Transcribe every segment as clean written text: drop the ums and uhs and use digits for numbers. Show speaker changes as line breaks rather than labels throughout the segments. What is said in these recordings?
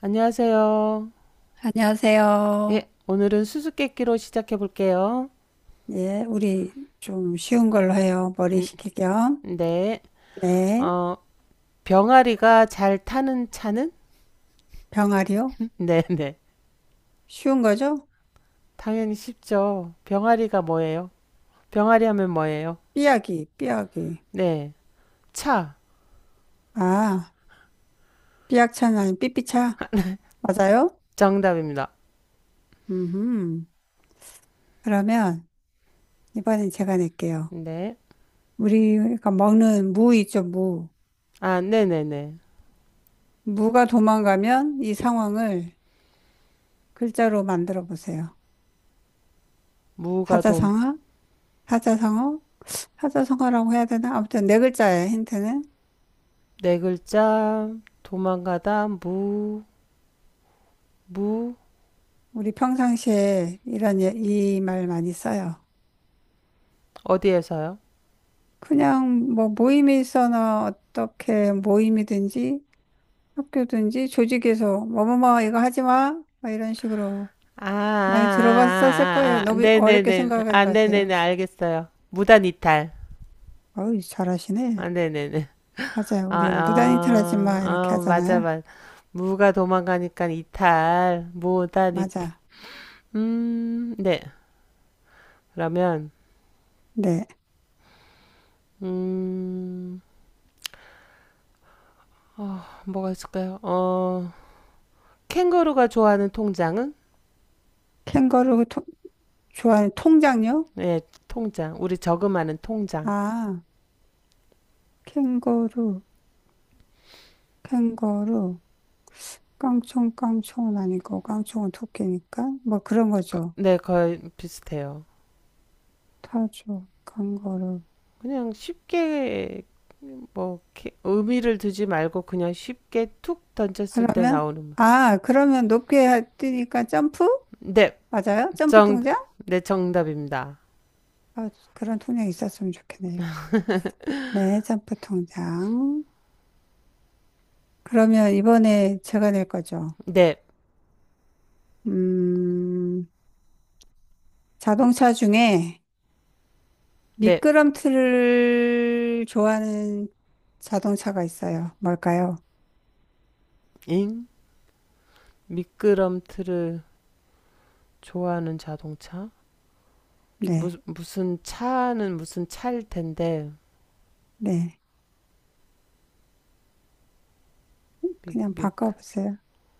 안녕하세요. 예,
안녕하세요.
오늘은 수수께끼로 시작해 볼게요.
예, 우리 좀 쉬운 걸로 해요. 머리
음,
식힐 겸.
네.
네,
어, 병아리가 잘 타는 차는?
병아리요?
네, 네.
쉬운 거죠?
당연히 쉽죠. 병아리가 뭐예요? 병아리 하면 뭐예요?
삐약이, 삐약이.
네. 차.
아, 삐약차는 삐삐차? 맞아요?
정답입니다.
음, 그러면 이번엔 제가 낼게요.
네.
우리가 먹는 무 있죠, 무.
아, 네네네.
무가 도망가면 이 상황을 글자로 만들어 보세요.
무가 돔.
사자성어? 사자성어? 사자성어라고 해야 되나? 아무튼 네 글자예요, 힌트는.
네 글자. 도망가다. 무. 무.
우리 평상시에 이런 예, 이말 많이 써요.
어디에서요?
그냥 뭐 모임에 있어나 어떻게 모임이든지 학교든지 조직에서 뭐뭐뭐 이거 하지 마. 막 이런 식으로
아, 아,
많이 들어봤었을 거예요.
아, 아, 아, 아.
너무 어렵게
네네네.
생각하지
아,
마세요.
네네네. 알겠어요. 무단 이탈.
어우,
아,
잘하시네.
네네네.
맞아요.
아,
우리 무단이탈 하지
아,
마. 이렇게
아, 맞아,
하잖아요.
맞아. 무가 도망가니까 이탈, 무단 이탈.
맞아.
네. 그러면,
네.
음, 어, 뭐가 있을까요? 캥거루가 좋아하는 통장은?
캥거루 통, 좋아하는 통장요?
네, 통장. 우리 저금하는 통장.
아, 캥거루, 캥거루. 깡총, 깡총은 아니고, 깡총은 토끼니까. 뭐 그런 거죠.
네, 거의 비슷해요.
타조, 강거루.
그냥 쉽게, 뭐, 의미를 두지 말고 그냥 쉽게 툭 던졌을 때
그러면,
나오는. 말.
아, 그러면 높게 뛰니까 점프?
네,
맞아요? 점프
정,
통장?
네, 정답입니다.
아, 그런 통장이 있었으면 좋겠네요. 네, 점프 통장. 그러면 이번에 제가 낼 거죠.
네.
음, 자동차 중에
네.
미끄럼틀을 좋아하는 자동차가 있어요. 뭘까요?
잉? 미끄럼틀을 좋아하는 자동차?
네,
무슨 차는 무슨 차일 텐데.
네.
미,
그냥
미,
바꿔보세요.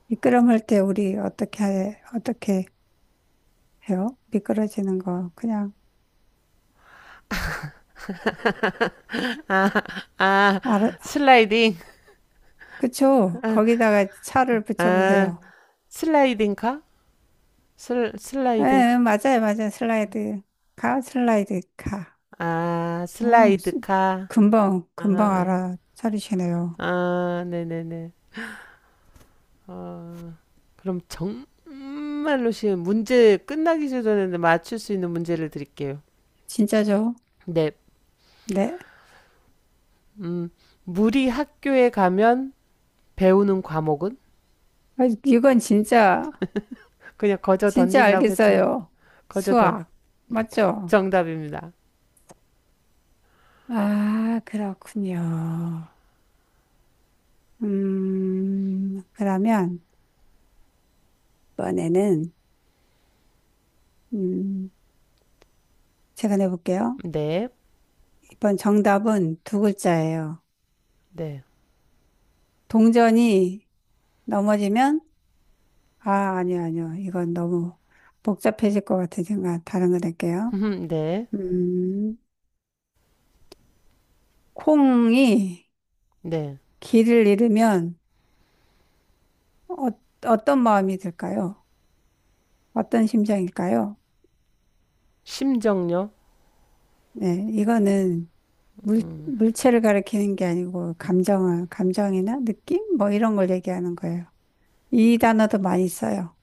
미끄럼할 때 우리 어떻게, 어떻게 해요? 미끄러지는 거. 그냥,
아,
알아,
슬라이딩.
그쵸?
아,
거기다가 차를
아,
붙여보세요.
슬라이딩카?
예,
슬라이딩카?
예, 맞아요, 맞아요. 슬라이드, 가, 슬라이드, 가.
아,
어,
슬라이드카.
금방
아,
알아차리시네요.
아, 네네네. 어, 그럼 정말로 쉬운 문제 끝나기 전에 맞출 수 있는 문제를 드릴게요.
진짜죠?
네.
네.
음, 물이 학교에 가면 배우는 과목은?
아, 이건 진짜,
그냥 거저
진짜
던진다고 했죠.
알겠어요.
거저 던.
수학. 맞죠?
정답입니다.
아, 그렇군요. 그러면, 이번에는, 음, 제가 내볼게요.
네,
이번 정답은 두 글자예요.
네,
동전이 넘어지면, 아, 아니요, 아니요. 이건 너무 복잡해질 것 같으니까 다른 거 낼게요.
네,
음, 콩이
네.
길을 잃으면 어, 어떤 마음이 들까요? 어떤 심정일까요?
심정력.
네, 이거는 물, 물체를 가리키는 게 아니고 감정을, 감정이나 느낌? 뭐 이런 걸 얘기하는 거예요. 이 단어도 많이 써요.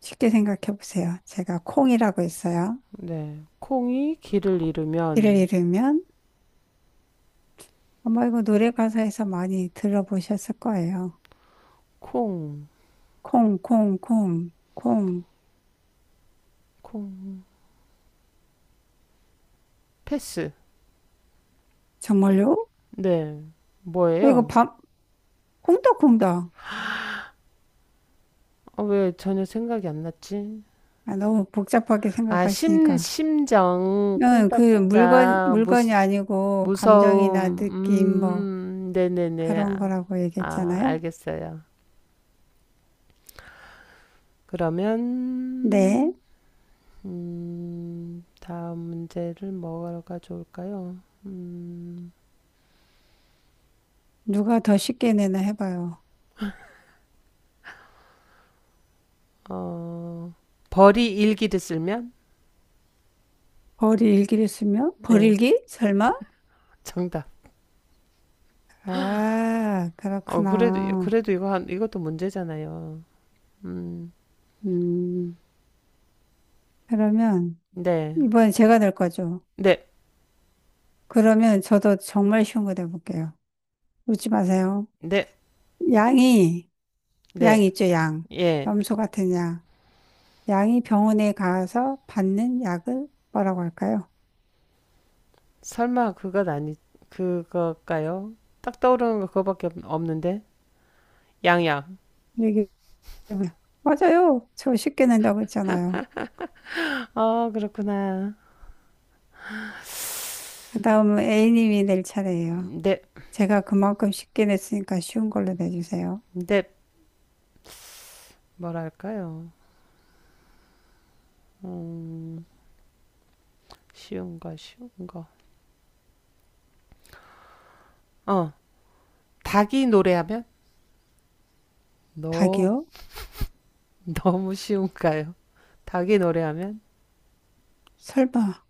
쉽게 생각해 보세요. 제가 콩이라고 있어요.
네. 콩이 길을
이를
잃으면
잃으면 아마 이거 노래 가사에서 많이 들어보셨을 거예요.
콩,
콩, 콩, 콩, 콩.
콩. 패스.
정말요?
네.
어, 이거
뭐예요?
밤, 콩닥콩닥.
어, 왜 전혀 생각이 안 났지?
아, 너무 복잡하게 생각하시니까.
심정,
응, 그 물건,
콩닥콩닥, 무,
물건이 아니고 감정이나
무서움,
느낌 뭐
네네네.
그런
아,
거라고
아,
얘기했잖아요.
알겠어요. 그러면,
네.
다음 문제를 뭐가 좋을까요?
누가 더 쉽게 내나 해봐요.
어, 벌이 일기를 쓸면?
벌이 일기를 쓰면?
네,
벌일기? 설마?
정답.
아,
어,
그렇구나.
그래도 이거 이것도 문제잖아요. 음,
음, 그러면
네.
이번에 제가 될 거죠.
네,
그러면 저도 정말 쉬운 거 내볼게요. 웃지 마세요.
네,
양이, 양
네.
있죠, 양.
예.
염소 같은 양. 양이 병원에 가서 받는 약을 뭐라고 할까요?
설마 그것 아니, 그거일까요? 딱 떠오르는 거 없는데. 양양.
얘기해 보세요. 맞아요. 저 쉽게 낸다고 했잖아요.
어, 그렇구나.
그 다음은 A님이 낼 차례예요.
네,
제가 그만큼 쉽게 냈으니까 쉬운 걸로 내주세요.
네. 뭐랄까요? 음, 쉬운 거. 어, 닭이 노래하면? 너,
닭이요?
너무 쉬운가요? 닭이 노래하면?
설마.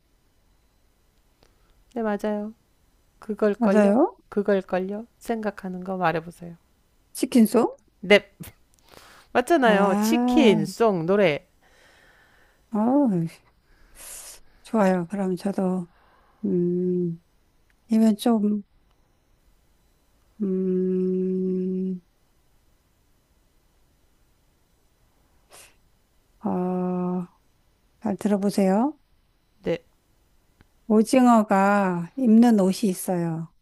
네, 맞아요. 그걸걸요?
맞아요?
그걸걸요? 생각하는 거 말해보세요.
치킨송?
네, 맞잖아요. 치킨,
아,
송, 노래.
어, 좋아요. 그럼 저도, 음, 이건 좀, 음, 어, 잘 들어보세요.
네,
오징어가 입는 옷이 있어요.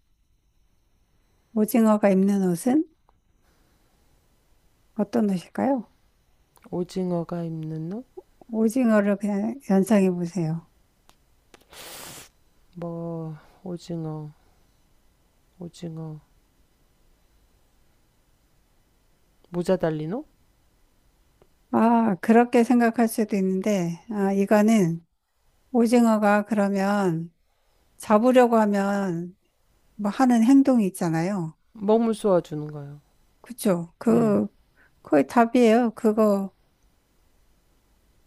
오징어가 입는 옷은 어떤 옷일까요?
오징어가 입는 옷?
오징어를 그냥 연상해 보세요.
뭐, 오징어, 오징어. 모자 달린 옷?
아, 그렇게 생각할 수도 있는데, 아, 이거는 오징어가 그러면 잡으려고 하면 뭐 하는 행동이 있잖아요.
먹물 쏘아주는 거요.
그쵸?
네,
그, 거의 답이에요. 그거,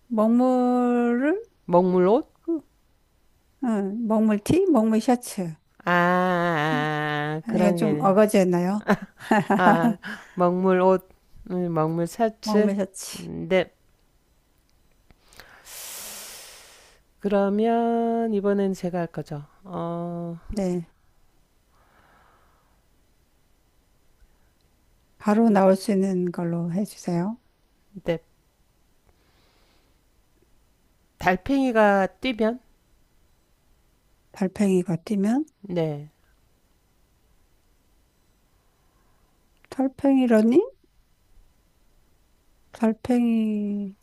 먹물을
먹물 옷?
응, 먹물 티? 먹물 셔츠.
아, 아, 아,
이건
그런
좀
개념.
어거지였나요?
아, 먹물 옷, 먹물 셔츠.
먹물 셔츠.
네, 그러면 이번엔 제가 할 거죠. 어,
네. 바로 나올 수 있는 걸로 해주세요.
네. 달팽이가 뛰면?
달팽이가 뛰면?
네.
달팽이 러닝? 달팽이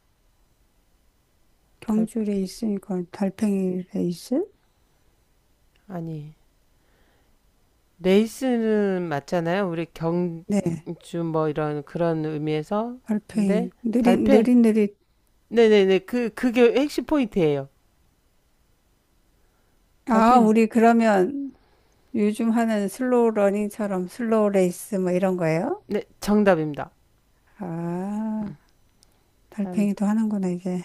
달,
경주 레이스니까 달팽이 레이스?
아니. 레이스는 맞잖아요. 우리
네.
경주 뭐 이런 그런 의미에서. 근데
달팽이. 느린,
달팽.
느릿느릿.
네네네. 그게 핵심 포인트예요.
아,
달팽이.
우리 그러면 요즘 하는 슬로우 러닝처럼 슬로우 레이스 뭐 이런 거예요?
네. 정답입니다.
아,
음,
달팽이도 하는구나, 이제.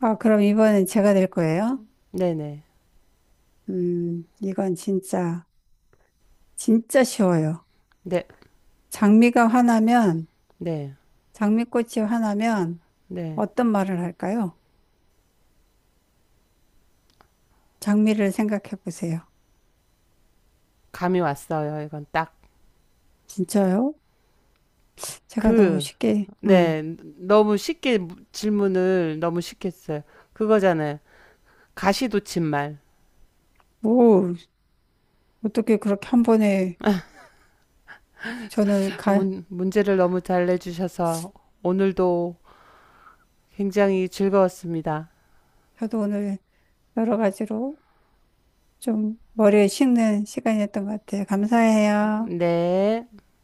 아, 그럼 이번엔 제가 될 거예요?
네네.
이건 진짜, 진짜 쉬워요.
네.
장미가 화나면,
네.
장미꽃이 화나면
네.
어떤 말을 할까요? 장미를 생각해 보세요.
감이 왔어요. 이건 딱.
진짜요? 제가 너무
그,
쉽게,
네, 너무 쉽게 질문을 너무 쉽게 했어요. 그거잖아요. 가시돋친 말.
뭐, 어떻게 그렇게 한 번에 저는
아,
가,
문제를 너무 잘 내주셔서 오늘도 굉장히 즐거웠습니다.
저도 오늘 여러 가지로 좀 머리에 식는 시간이었던 것 같아요. 감사해요.
네.